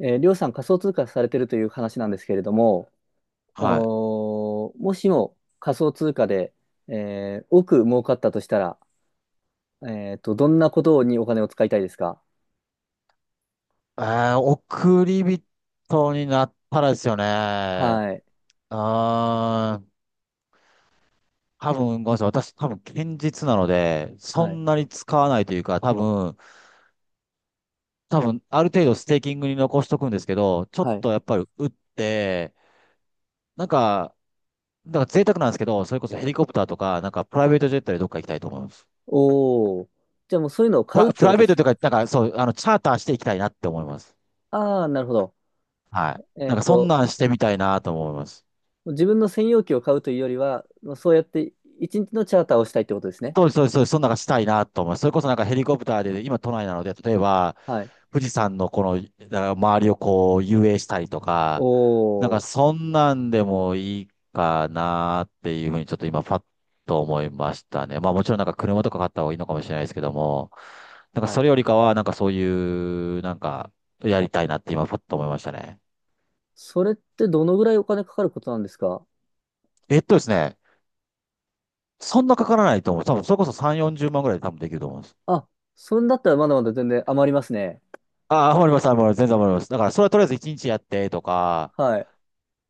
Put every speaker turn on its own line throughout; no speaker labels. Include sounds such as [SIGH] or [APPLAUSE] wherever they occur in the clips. りょうさん仮想通貨されてるという話なんですけれども、
はい。
もしも仮想通貨で、億儲かったとしたら、どんなことにお金を使いたいですか？
え送り人になったらですよね。
はい、
うーん。多分、ごめんなさい。私、多分、堅実なので、そ
はい、
んなに使わないというか、多分、ある程度ステーキングに残しとくんですけど、ちょっ
はい。
とやっぱり打って、なんか、なんか贅沢なんですけど、それこそヘリコプターとか、なんかプライベートジェットでどっか行きたいと思います。
おお、じゃあもうそういうのを買うっ
プ
てこ
ライ
と
ベー
で
ト
す。
とか、なんかそう、チャーターしていきたいなって思います。
ああ、なるほど。
はい。
え
なん
っ
か、そん
と、
なんしてみたいなと思います。
自分の専用機を買うというよりは、まあそうやって一日のチャーターをしたいってことですね。
そうです、そうです、そうです。そんなのがしたいなと思います。それこそなんかヘリコプターで、今都内なので、例えば、
はい。
富士山のこの、だから周りをこう遊泳したりと
お
か、なんか
お、
そんなんでもいいかなっていうふうにちょっと今パッと思いましたね。まあもちろんなんか車とか買った方がいいのかもしれないですけども、なんか
は
そ
い。
れよりかはなんかそういう、なんかやりたいなって今パッと思いましたね。
それってどのぐらいお金かかることなんですか？
えっとですね、そんなかからないと思う。多分それこそ3、40万ぐらいで多分できると思うんです。
あ、そんだったらまだまだ全然余りますね。
ああ、わかります、わかります。全然わかります。だから、それはとりあえず一日やってとか、
はい。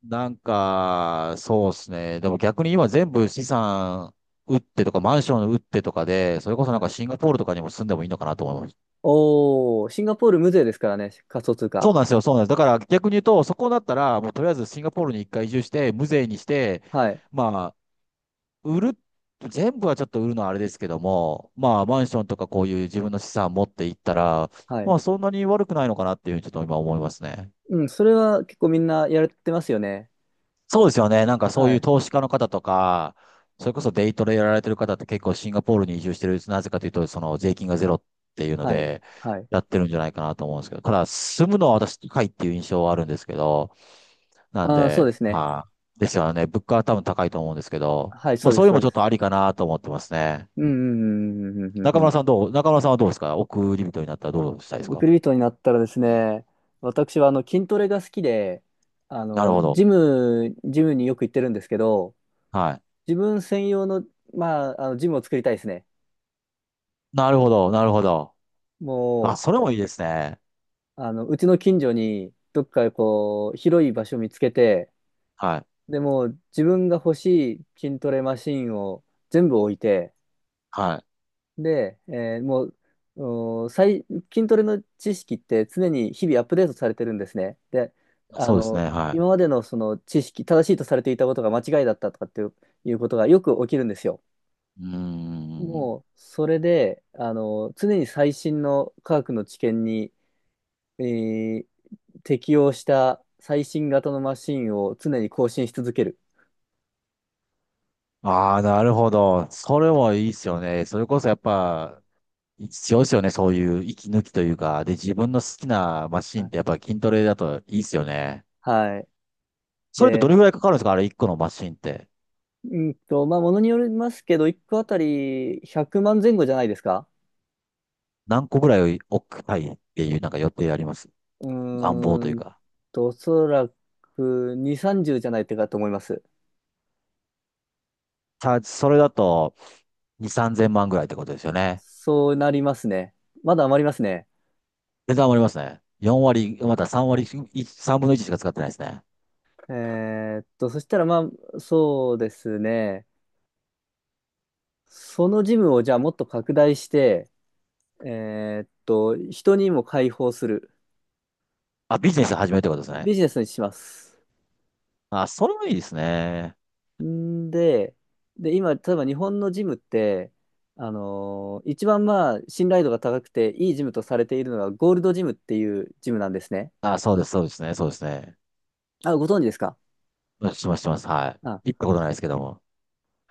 なんか、そうですね。でも逆に今全部資産売ってとか、マンション売ってとかで、それこそなん
はい。
かシンガポールとかにも住んでもいいのかなと思います。
おー、シンガポール無税ですからね、仮想通
そ
貨。
うなんですよ、そうなんです。だから逆に言うと、そこだったら、もうとりあえずシンガポールに一回移住して、無税にして、
はい。
まあ、売る、全部はちょっと売るのはあれですけども、まあ、マンションとかこういう自分の資産持っていったら、
は
ま
い。
あ、そんなに悪くないのかなっていうふうにちょっと今思いますね。
うん、それは結構みんなやれてますよね。
そうですよね。なんかそう
は
いう
い。
投資家の方とか、それこそデイトレやられてる方って結構シンガポールに移住してる、なぜかというと、その税金がゼロっていうの
はい。
で、
はい。
やってるんじゃないかなと思うんですけど、ただ住むのは私高いっていう印象はあるんですけど、なん
ああ、そうで
で、
すね。
まあ、ですよね。物価は多分高いと思うんですけど、
はい、
ま
そ
あ
うで
そう
す、
いうの
そ
も
う
ちょ
で
っ
す。
とありかなと思ってますね。
うん、うん、うん、うん、うん。うんうん、
中村さんはどうですか？億り人になったらどうしたいです
送
か？
り人になったらですね、私は筋トレが好きで、
なるほど。
ジムによく行ってるんですけど、
はい。
自分専用の、まあ、ジムを作りたいですね。
なるほど、なるほど。あ、
も
そ
う、
れもいいですね。
うちの近所に、どっかこう、広い場所見つけて、
はい。
でもう自分が欲しい筋トレマシンを全部置いて、
はい。
で、もう、お最、筋トレの知識って常に日々アップデートされてるんですね。で、あ
そうです
の、
ね。は
今
い。
までのその知識、正しいとされていたことが間違いだったとかっていう、いうことがよく起きるんですよ。
うーん。
もう、それで、常に最新の科学の知見に、えー適用した最新型のマシンを常に更新し続ける。
ああ、なるほど。それもいいっすよね。それこそやっぱ、必要っすよね。そういう息抜きというか。で、自分の好きなマシ
は
ンっ
い。
てやっぱ筋トレだといいっすよね。
はい。
それってど
で、
れぐらいかかるんですか？あれ1個のマシンって。
まあ、ものによりますけど、1個あたり100万前後じゃないですか？
何個ぐらい置きたいっていうなんか予定あります？
う
願望とい
ー
う
ん
か。
おそらく2、30じゅうじゃないかと思います。
チャージ、それだと2、3千万ぐらいってことですよね。
そうなりますね。まだ余りますね。
値段上がりますね。4割、また
は
3
い。
割、3分の1しか使ってないですね。
えそしたらまあ、そうですね。そのジムをじゃあもっと拡大して、人にも開放する。
あ、ビジネス始めるってことですね。
ビジネスにします。
あ、それもいいですね。
んで、で、今、例えば日本のジムって、一番まあ、信頼度が高くて、いいジムとされているのが、ゴールドジムっていうジムなんですね。
あ、そうです、そうですね、そうですね。
あ、ご存知ですか？
うん、します、します。は
あ、
い。行ったことないですけども。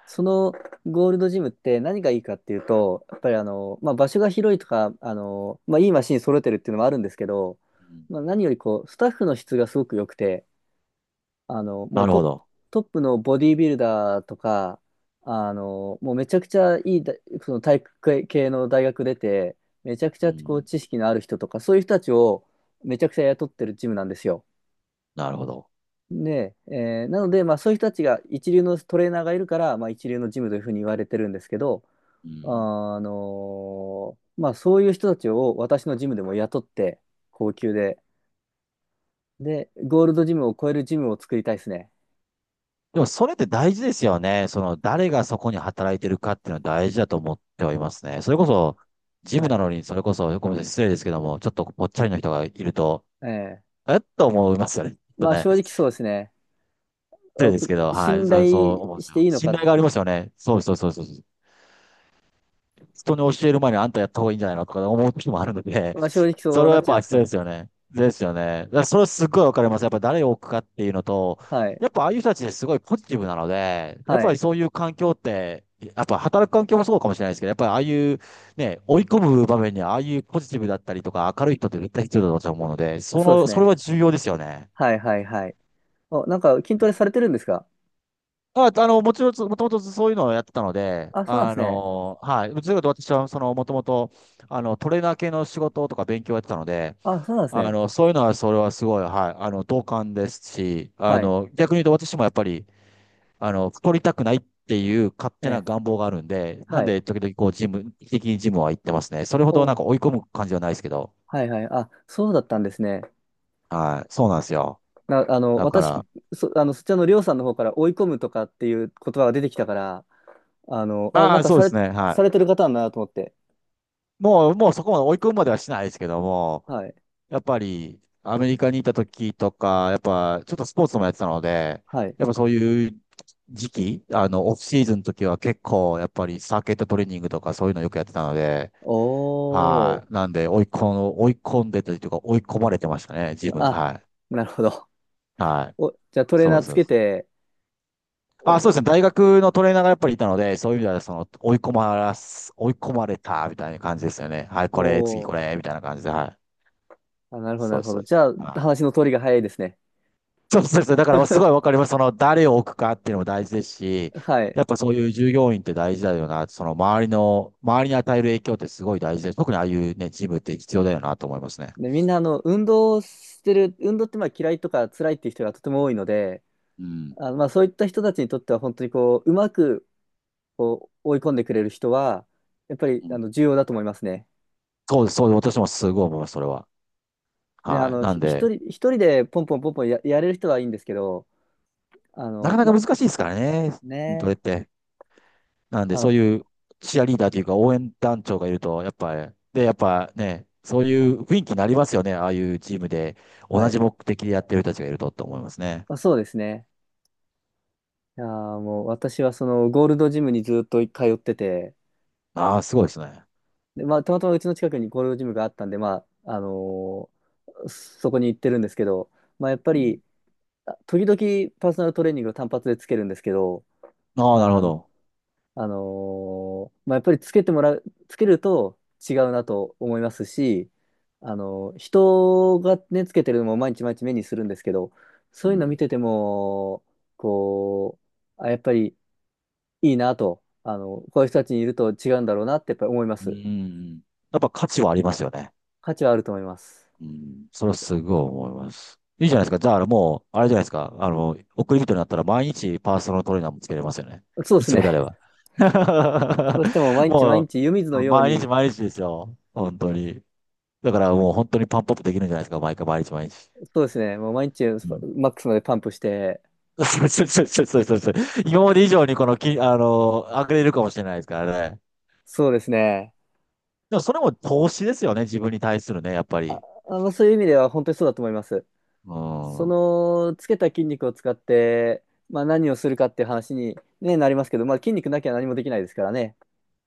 そのゴールドジムって何がいいかっていうと、やっぱりまあ、場所が広いとか、まあ、いいマシン揃えてるっていうのもあるんですけど、
うん。
まあ、何よりこう、スタッフの質がすごく良くて、も
な
う
るほど。
トップのボディービルダーとか、もうめちゃくちゃいいだ、その体育系の大学出て、めちゃくち
う
ゃこう
ん。
知識のある人とか、そういう人たちをめちゃくちゃ雇ってるジムなんですよ。
なるほど。
で、なので、まあそういう人たちが一流のトレーナーがいるから、まあ一流のジムというふうに言われてるんですけど、
うん。
まあそういう人たちを私のジムでも雇って、高級で、で、ゴールドジムを超えるジムを作りたいですね。
でも、それって大事ですよね。その、誰がそこに働いてるかっていうのは大事だと思ってはいますね。それこそ、ジ
は
ム
い。
なのに、それこそ、ごめんなさい、失礼ですけども、ちょっとぽっちゃりの人がいると、
ええ、
えっと思いますよね。ちょっと
まあ
ね、
正直そうですね。
失礼
あ
です
く
けど、はい、
信
そう、そ
頼
う思うんで
し
す
て
よ。
いいの
信
か。
頼がありますよね。そうそうそうそう。人に教える前にあんたやった方がいいんじゃないのとか思う時もあるので、
まあ正直
[LAUGHS] そ
そう
れは
なっ
やっ
ちゃい
ぱ
ますか
必要
ら
で
ね。
すよね。ですよね。だからそれはすっごいわかります。やっぱ誰を置くかっていうのと、
はい。
やっぱああいう人たちですごいポジティブなので、やっ
は
ぱり
い。
そういう環境って、やっぱ働く環境もそうかもしれないですけど、やっぱりああいうね、追い込む場面にああいうポジティブだったりとか明るい人って絶対必要だと私は思うので、そ
そうで
の、
す
それ
ね。
は重要ですよね。
はいはいはい。お、なんか筋トレされてるんですか？
あ、もちろん、もともとそういうのをやってたので、
あ、そうなんですね。
はい。どちらかというと私は、その、もともと、トレーナー系の仕事とか勉強をやってたので、
あ、そうなんですね。
そういうのは、それはすごい、はい。同感ですし、
はい。
逆に言うと私もやっぱり、太りたくないっていう勝
え
手な
え。
願望があるんで、な
は
ん
い。
で、時々、こう、ジム、定期的にジムは行ってますね。それほどなん
お、
か追い込む感じはないですけど、
はいはい。あ、そうだったんですね。
はい。そうなんですよ。だか
私、
ら、
そちらのりょうさんの方から追い込むとかっていう言葉が出てきたから、あ、
まあ、そうですね、は
されて
い。
る方なんだなと思って。
もう、もうそこまで追い込むまではしないですけども、
はい。
やっぱりアメリカにいた時とか、やっぱちょっとスポーツもやってたので、
はい。
やっぱそういう時期、オフシーズンの時は結構やっぱりサーキットトレーニングとかそういうのよくやってたので、
お
はい。
ー。
なんで追い込んでというか追い込まれてましたね、自分。
あ、
は
なるほど。
い。はい。
お、じゃあトレー
そう
ナ
で
ー
す。
つ
そうで
け
す。
て、
あ、そうで
お、
すね。大学のトレーナーがやっぱりいたので、そういう意味ではその追い込まれたみたいな感じですよね。はい、
お、
これ、次
お
こ
ー、
れ、みたいな感じで、はい。
あ、なるほど、な
そう
る
です、
ほ
そう
ど。
で
じ
す。
ゃあ、
は
話
い、
の通りが早いですね。
そうそうそう。だからすごいわかります。その誰を置くかっていうのも大事ですし、
はい。
やっぱそういう従業員って大事だよな。その周りの、周りに与える影響ってすごい大事です。特にああいうね、ジムって必要だよなと思いますね。
で、みんな、運動ってまあ嫌いとか辛いっていう人がとても多いので、
うん。
まあそういった人たちにとっては本当にこう、うまくこう追い込んでくれる人は、やっぱり
うん、
重要だと思いますね。
そうです、そうです。私もすごい思います、それは。
ね、
はい。なん
ひ一
で、
人、一人でポンポンポンポンやれる人はいいんですけど、
なかなか
ま、
難しいですからね、筋
ね、
れって。なんで、
あ
そう
の、
いうチアリーダーというか応援団長がいると、やっぱり、で、やっぱね、そういう雰囲気になりますよね。ああいうチームで、
は
同
い。
じ目的でやってる人たちがいるとって思いますね。
まあ、そうですね。いやーもう私はそのゴールドジムにずっと通ってて、
ああ、すごいですね。
で、まあ、たまたまうちの近くにゴールドジムがあったんで、まあ、そこに行ってるんですけど、まあ、やっぱ
うん。
り、あ時々パーソナルトレーニングを単発でつけるんですけど、
ああ、なる
あ
ほ
の、
ど。
あのまあ、やっぱりつけると違うなと思いますし、人がね、つけてるのも毎日毎日目にするんですけど、
う
そういうの見
ん。
てても、こう、あ、やっぱりいいなと、こういう人たちにいると違うんだろうなってやっぱり思いま
う
す。
ん。やっぱ価値はありますよね。
価値はあると思います。
うん。それはすごい思います。いいじゃないですか。じゃあ、もう、あれじゃないですか。送り人になったら毎日パーソナルトレーナーもつけれますよね。
そうです
必要であれ
ね。
ば。
そ
[LAUGHS]
うしても毎日毎
も
日湯水の
う、
よう
毎
に、
日毎日ですよ。本当に。だからもう本当にパンプアップできるんじゃないですか。毎回毎日毎日。
そうですね、もう毎日
うん。
マックスまでパンプして、
[LAUGHS] そうそうそうそうそうそう。今まで以上にこのき、あの、上げれるかもしれないですからね。
そうですね、
でもそれも投資ですよね。自分に対するね、やっぱ
あ、
り。
そういう意味では本当にそうだと思います。
う
そ
ん。
の、つけた筋肉を使って、まあ何をするかっていう話に、ね、なりますけど、まあ筋肉なきゃ何もできないですからね。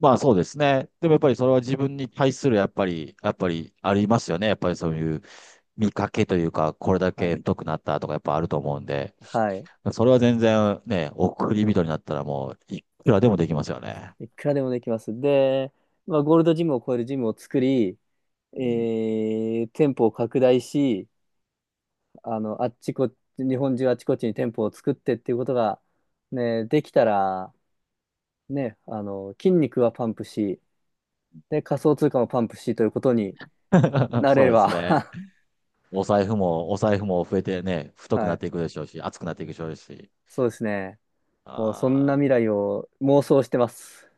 まあそうですね。でもやっぱりそれは自分に対するやっぱり、やっぱりありますよね。やっぱりそういう見かけというか、これだ
は
け
い。
太くなったとかやっぱあると思うんで、
はい。
それは全然ね、送り人になったらもういくらでもできますよね。
いくらでもできます。で、まあゴールドジムを超えるジムを作り、え
うん。
店舗を拡大し、あっちこっち、日本中あっちこっちに店舗を作ってっていうことが、ね、できたら、ね、筋肉はパンプし、で、仮想通貨もパンプしということに
[LAUGHS]
なれ
そう
れ
です
ば、
ね。
[LAUGHS]
お財布も、お財布も増えてね、太く
は
なっ
い、
ていくでしょうし、厚くなっていくでしょうし。
そうですね。もうそん
あーま
な
あ
未来を妄想してます。